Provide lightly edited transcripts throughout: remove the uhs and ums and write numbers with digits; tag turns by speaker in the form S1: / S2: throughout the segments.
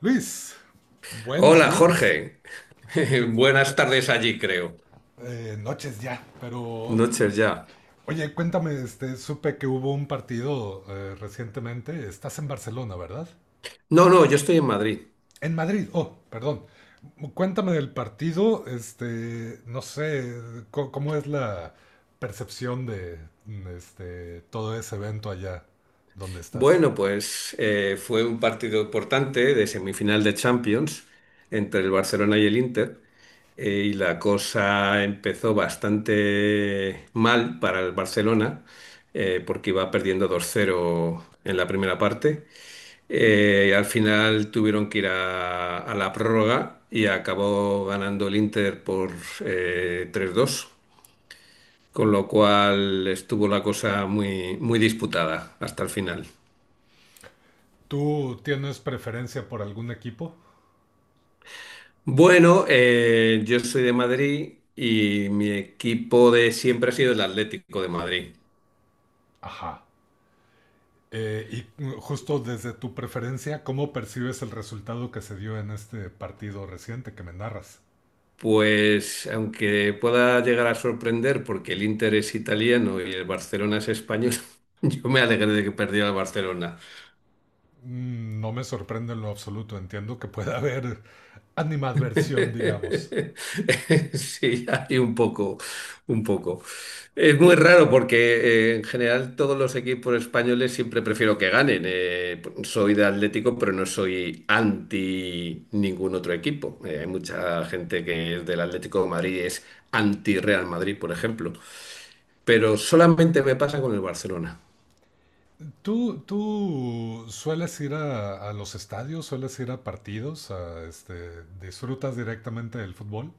S1: Luis, buenos
S2: Hola
S1: días.
S2: Jorge, buenas tardes allí creo.
S1: Noches ya, pero
S2: Noches ya.
S1: oye, cuéntame, supe que hubo un partido recientemente. Estás en Barcelona, ¿verdad?
S2: No, no, yo estoy en Madrid.
S1: En Madrid, oh, perdón. Cuéntame del partido, no sé, ¿cómo es la percepción de todo ese evento allá donde estás?
S2: Bueno, pues fue un partido importante de semifinal de Champions entre el Barcelona y el Inter y la cosa empezó bastante mal para el Barcelona porque iba perdiendo dos cero en la primera parte. Al final tuvieron que ir a la prórroga y acabó ganando el Inter por 3-2. Con lo cual estuvo la cosa muy, muy disputada hasta el final.
S1: ¿Tú tienes preferencia por algún equipo?
S2: Bueno, yo soy de Madrid y mi equipo de siempre ha sido el Atlético de Madrid.
S1: Ajá. Eh, y justo desde tu preferencia, ¿cómo percibes el resultado que se dio en este partido reciente que me narras?
S2: Pues aunque pueda llegar a sorprender porque el Inter es italiano y el Barcelona es español, yo me alegré de que perdiera el Barcelona.
S1: Mm, no me sorprende en lo absoluto, entiendo que pueda haber animadversión, digamos.
S2: Sí, hay un poco, un poco. Es muy raro porque en general todos los equipos españoles siempre prefiero que ganen. Soy de Atlético, pero no soy anti ningún otro equipo. Hay mucha gente que es del Atlético de Madrid y es anti Real Madrid, por ejemplo. Pero solamente me pasa con el Barcelona.
S1: ¿Tú sueles ir a, los estadios, sueles ir a partidos, a, disfrutas directamente del fútbol?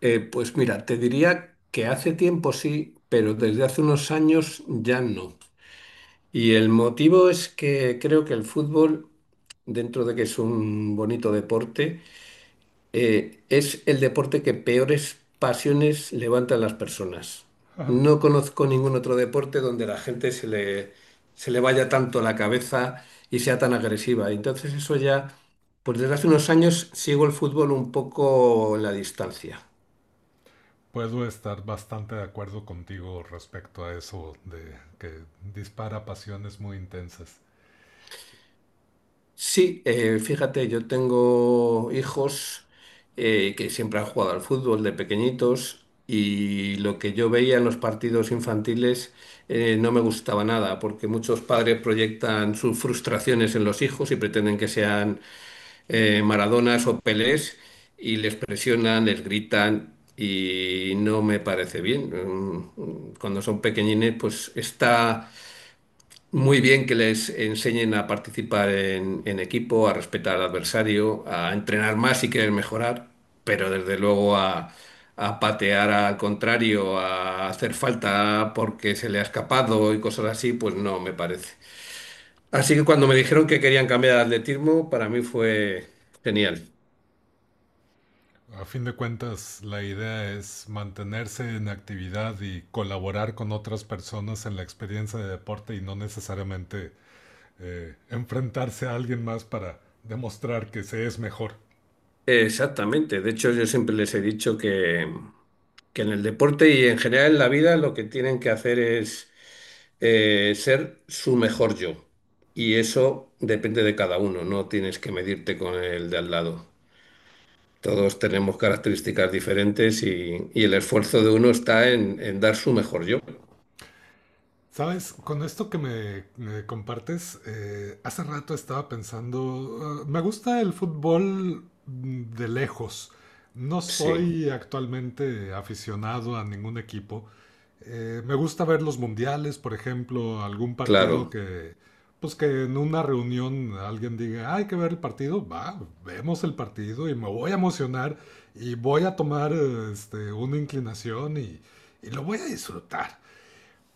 S2: Pues mira, te diría que hace tiempo sí, pero desde hace unos años ya no. Y el motivo es que creo que el fútbol, dentro de que es un bonito deporte, es el deporte que peores pasiones levanta en las personas.
S1: Ajá.
S2: No conozco ningún otro deporte donde la gente se le vaya tanto la cabeza y sea tan agresiva. Y entonces eso ya, pues desde hace unos años sigo el fútbol un poco en la distancia.
S1: Puedo estar bastante de acuerdo contigo respecto a eso de que dispara pasiones muy intensas.
S2: Sí, fíjate, yo tengo hijos que siempre han jugado al fútbol de pequeñitos y lo que yo veía en los partidos infantiles no me gustaba nada, porque muchos padres proyectan sus frustraciones en los hijos y pretenden que sean Maradonas o Pelés y les presionan, les gritan y no me parece bien. Cuando son pequeñines, pues está muy bien que les enseñen a participar en equipo, a respetar al adversario, a entrenar más si quieren mejorar, pero desde luego a patear al contrario, a hacer falta porque se le ha escapado y cosas así, pues no me parece. Así que cuando me dijeron que querían cambiar de atletismo, para mí fue genial.
S1: A fin de cuentas, la idea es mantenerse en actividad y colaborar con otras personas en la experiencia de deporte y no necesariamente enfrentarse a alguien más para demostrar que se es mejor.
S2: Exactamente. De hecho, yo siempre les he dicho que en el deporte y en general en la vida lo que tienen que hacer es ser su mejor yo. Y eso depende de cada uno, no tienes que medirte con el de al lado. Todos tenemos características diferentes y el esfuerzo de uno está en dar su mejor yo.
S1: Sabes, con esto que me compartes, hace rato estaba pensando, me gusta el fútbol, mm, de lejos. No
S2: Sí,
S1: soy actualmente aficionado a ningún equipo. Me gusta ver los mundiales, por ejemplo, algún partido
S2: claro.
S1: pues que en una reunión alguien diga, "Ah, hay que ver el partido, va, vemos el partido y me voy a emocionar y voy a tomar una inclinación y lo voy a disfrutar.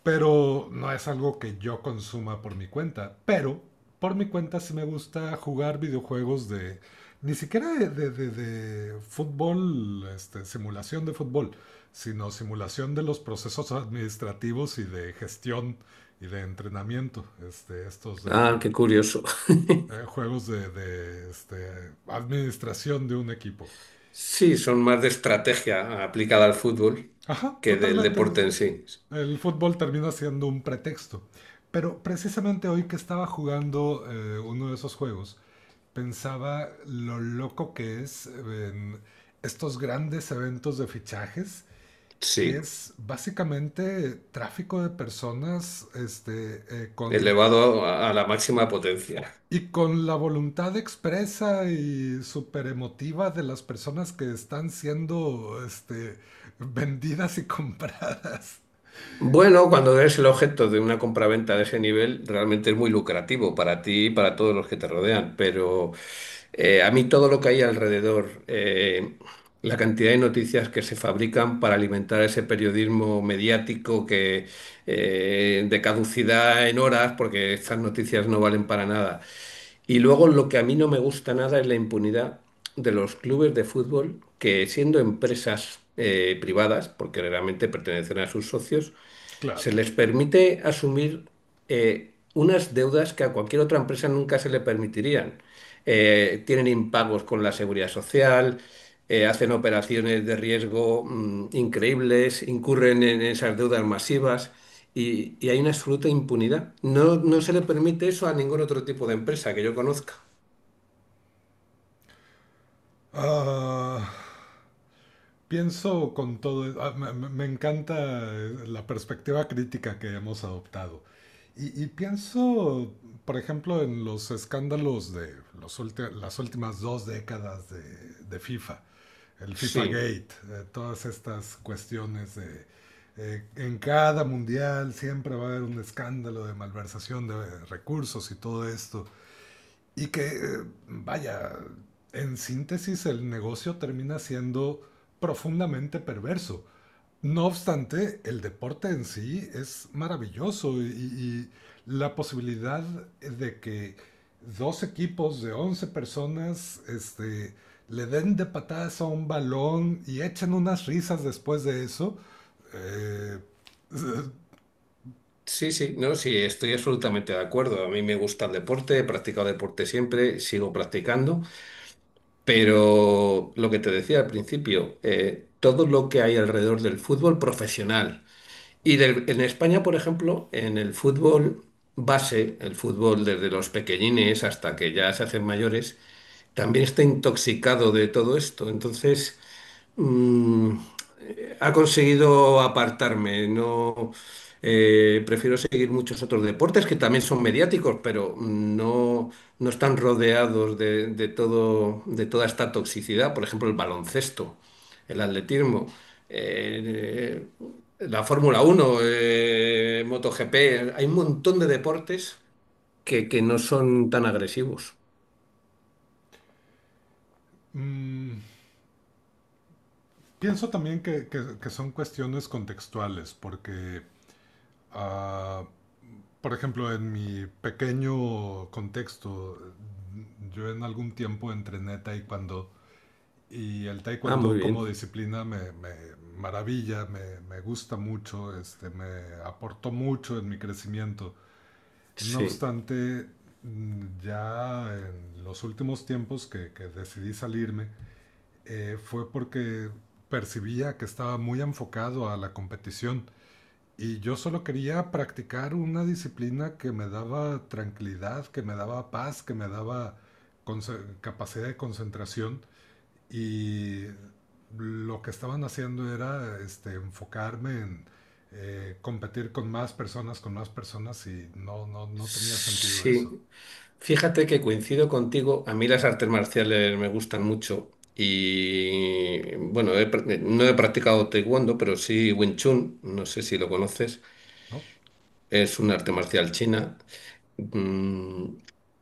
S1: Pero no es algo que yo consuma por mi cuenta. Pero por mi cuenta sí me gusta jugar videojuegos de... Ni siquiera de fútbol, simulación de fútbol, sino simulación de los procesos administrativos y de gestión y de entrenamiento. Este, estos de
S2: Ah, qué curioso.
S1: juegos de, administración de un equipo.
S2: Sí, son más de estrategia aplicada al fútbol
S1: Ajá,
S2: que del
S1: totalmente.
S2: deporte en sí.
S1: El fútbol termina siendo un pretexto. Pero precisamente hoy que estaba jugando uno de esos juegos, pensaba lo loco que es, en estos grandes eventos de fichajes, que
S2: Sí.
S1: es básicamente tráfico de personas, con,
S2: Elevado a la máxima potencia.
S1: y con la voluntad expresa y súper emotiva de las personas que están siendo vendidas y compradas.
S2: Bueno, cuando eres el objeto de una compraventa de ese nivel, realmente es muy lucrativo para ti y para todos los que te rodean, pero a mí todo lo que hay alrededor, la cantidad de noticias que se fabrican para alimentar ese periodismo mediático que de caducidad en horas, porque estas noticias no valen para nada. Y luego lo que a mí no me gusta nada es la impunidad de los clubes de fútbol que siendo empresas privadas, porque realmente pertenecen a sus socios, se
S1: Claro.
S2: les permite asumir unas deudas que a cualquier otra empresa nunca se le permitirían. Tienen impagos con la seguridad social, hacen operaciones de riesgo increíbles, incurren en esas deudas masivas y hay una absoluta impunidad. No, no se le permite eso a ningún otro tipo de empresa que yo conozca.
S1: Ah, Pienso con todo, ah, me encanta la perspectiva crítica que hemos adoptado. Y pienso, por ejemplo, en los escándalos de las últimas dos décadas de FIFA, el FIFA
S2: Sí,
S1: Gate, todas estas cuestiones de en cada mundial siempre va a haber un escándalo de malversación de recursos y todo esto. Y vaya, en síntesis el negocio termina siendo profundamente perverso. No obstante, el deporte en sí es maravilloso, y la posibilidad de que dos equipos de 11 personas, le den de patadas a un balón y echen unas risas después de eso. eh, eh,
S2: sí, sí, no, sí, estoy absolutamente de acuerdo. A mí me gusta el deporte, he practicado deporte siempre, sigo practicando. Pero lo que te decía al principio, todo lo que hay alrededor del fútbol profesional. Y en España, por ejemplo, en el fútbol base, el fútbol desde los pequeñines hasta que ya se hacen mayores, también está intoxicado de todo esto. Entonces, Mm, ha conseguido apartarme. No, prefiero seguir muchos otros deportes que también son mediáticos, pero no, no están rodeados de todo, de toda esta toxicidad. Por ejemplo, el baloncesto, el atletismo, eh, la Fórmula Uno, MotoGP. Hay un montón de deportes que no son tan agresivos.
S1: mm, pienso también que son cuestiones contextuales, porque Ah, por ejemplo, en mi pequeño contexto, yo en algún tiempo entrené taekwondo y el
S2: Ah, muy
S1: taekwondo como
S2: bien.
S1: disciplina me maravilla, me gusta mucho, me aportó mucho en mi crecimiento. No
S2: Sí.
S1: obstante, mm, ya en los últimos tiempos que decidí salirme, fue porque percibía que estaba muy enfocado a la competición y yo solo quería practicar una disciplina que me daba tranquilidad, que me daba paz, que me daba capacidad de concentración. Y lo que estaban haciendo era, enfocarme en competir con más personas, y no tenía sentido
S2: Sí.
S1: eso,
S2: Fíjate que coincido contigo, a mí las artes marciales me gustan mucho y bueno, no he practicado taekwondo, pero sí Wing Chun, no sé si lo conoces,
S1: ¿no?
S2: es un arte marcial china. Mm,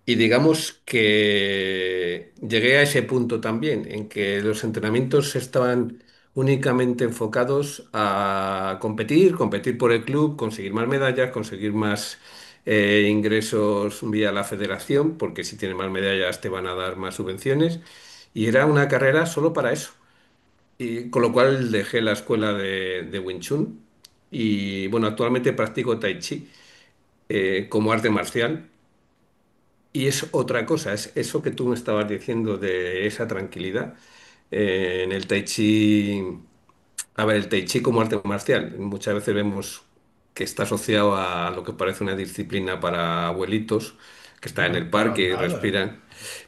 S2: y digamos que llegué a ese punto también, en que los entrenamientos estaban únicamente enfocados a competir, competir por el club, conseguir más medallas, conseguir más ingresos vía la federación, porque si tienes más medallas te van a dar más subvenciones. Y era una carrera solo para eso. Y con lo cual dejé la escuela de Wing Chun y bueno, actualmente practico Tai Chi como arte marcial. Y es otra cosa, es eso que tú me estabas diciendo de esa tranquilidad. En el Tai Chi, a ver, el Tai Chi como arte marcial, muchas veces vemos que está asociado a lo que parece una disciplina para abuelitos que están en el
S1: Para
S2: parque y
S1: nada,
S2: respiran,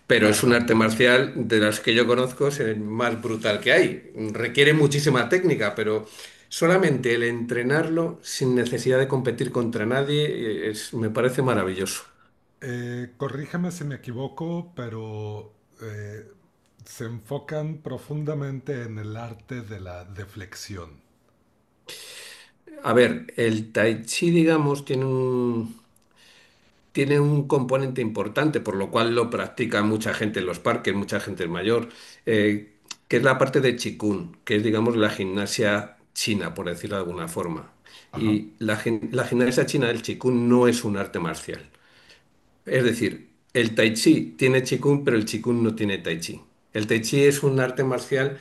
S2: pero es un
S1: para
S2: arte
S1: nada.
S2: marcial de las que yo conozco, es el más brutal que hay. Requiere muchísima técnica, pero solamente el entrenarlo sin necesidad de competir contra nadie me parece maravilloso.
S1: Corríjame si me equivoco, pero, eh, se enfocan profundamente en el arte de la deflexión.
S2: A ver, el tai chi, digamos, tiene un componente importante, por lo cual lo practica mucha gente en los parques, mucha gente mayor, eh, que es la parte de Qigong, que es, digamos, la gimnasia china, por decirlo de alguna forma.
S1: Ajá,
S2: Y la gimnasia china del Qigong no es un arte marcial. Es decir, el tai chi tiene Qigong, pero el Qigong no tiene tai chi. El tai chi es un arte marcial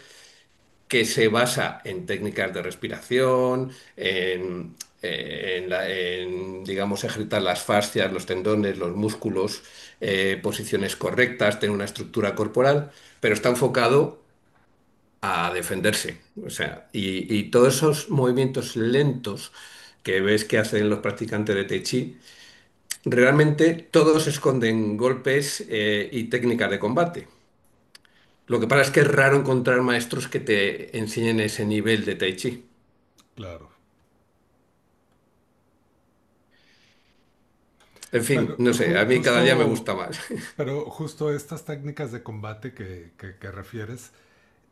S2: que se basa en técnicas de respiración, en, digamos, ejercitar las fascias, los tendones, los músculos, posiciones correctas, tener una estructura corporal, pero está enfocado a defenderse. O sea, y todos esos movimientos lentos que ves que hacen los practicantes de Tai Chi, realmente todos esconden golpes, y técnicas de combate. Lo que pasa es que es raro encontrar maestros que te enseñen ese nivel de Tai Chi.
S1: claro.
S2: En fin,
S1: Pero
S2: no sé, a mí cada día me
S1: justo,
S2: gusta más.
S1: pero justo estas técnicas de combate que refieres,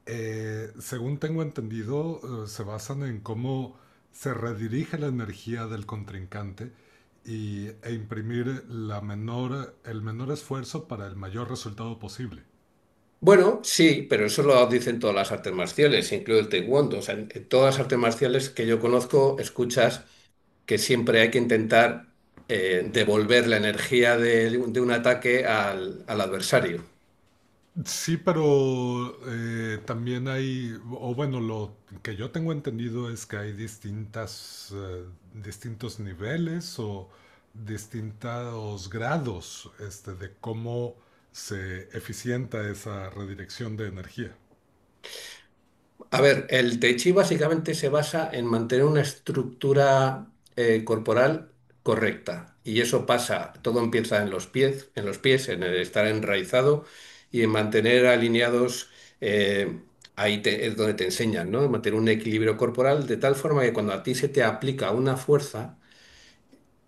S1: según tengo entendido, se basan en cómo se redirige la energía del contrincante y, e imprimir la menor, el menor esfuerzo para el mayor resultado posible.
S2: Bueno, sí, pero eso lo dicen todas las artes marciales, incluido el taekwondo. O sea, en todas las artes marciales que yo conozco, escuchas que siempre hay que intentar devolver la energía de un ataque al adversario.
S1: Sí, pero también hay, o bueno, lo que yo tengo entendido es que hay distintas, distintos niveles o distintos grados, de cómo se eficienta esa redirección de energía.
S2: A ver, el Tai Chi básicamente se basa en mantener una estructura corporal correcta. Y eso pasa, todo empieza en los pies, en los pies, en el estar enraizado y en mantener alineados, eh, ahí es donde te enseñan, ¿no? Mantener un equilibrio corporal de tal forma que cuando a ti se te aplica una fuerza,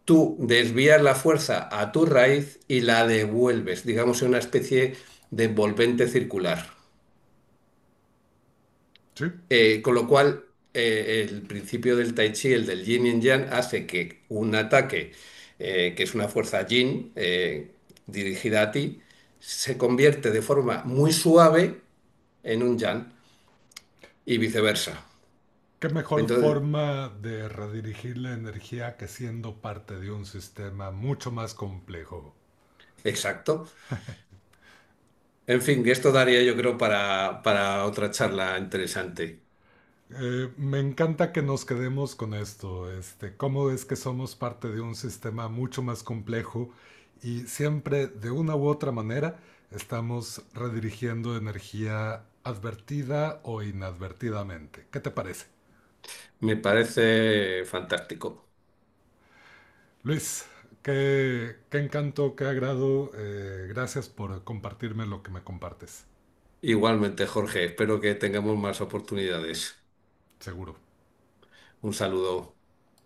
S2: tú desvías la fuerza a tu raíz y la devuelves, digamos, en una especie de envolvente circular.
S1: ¿Sí?
S2: Con lo cual, el principio del Tai Chi, el del Yin y Yang, hace que un ataque, que es una fuerza Yin, dirigida a ti, se convierte de forma muy suave en un Yang y viceversa.
S1: ¿Qué mejor
S2: Entonces,
S1: forma de redirigir la energía que siendo parte de un sistema mucho más complejo?
S2: exacto. En fin, que esto daría yo creo para, otra charla interesante.
S1: Me encanta que nos quedemos con esto, cómo es que somos parte de un sistema mucho más complejo y siempre de una u otra manera estamos redirigiendo energía advertida o inadvertidamente. ¿Qué te parece?
S2: Me parece fantástico.
S1: Luis, qué encanto, qué agrado. Gracias por compartirme lo que me compartes,
S2: Igualmente, Jorge, espero que tengamos más oportunidades.
S1: seguro.
S2: Un saludo.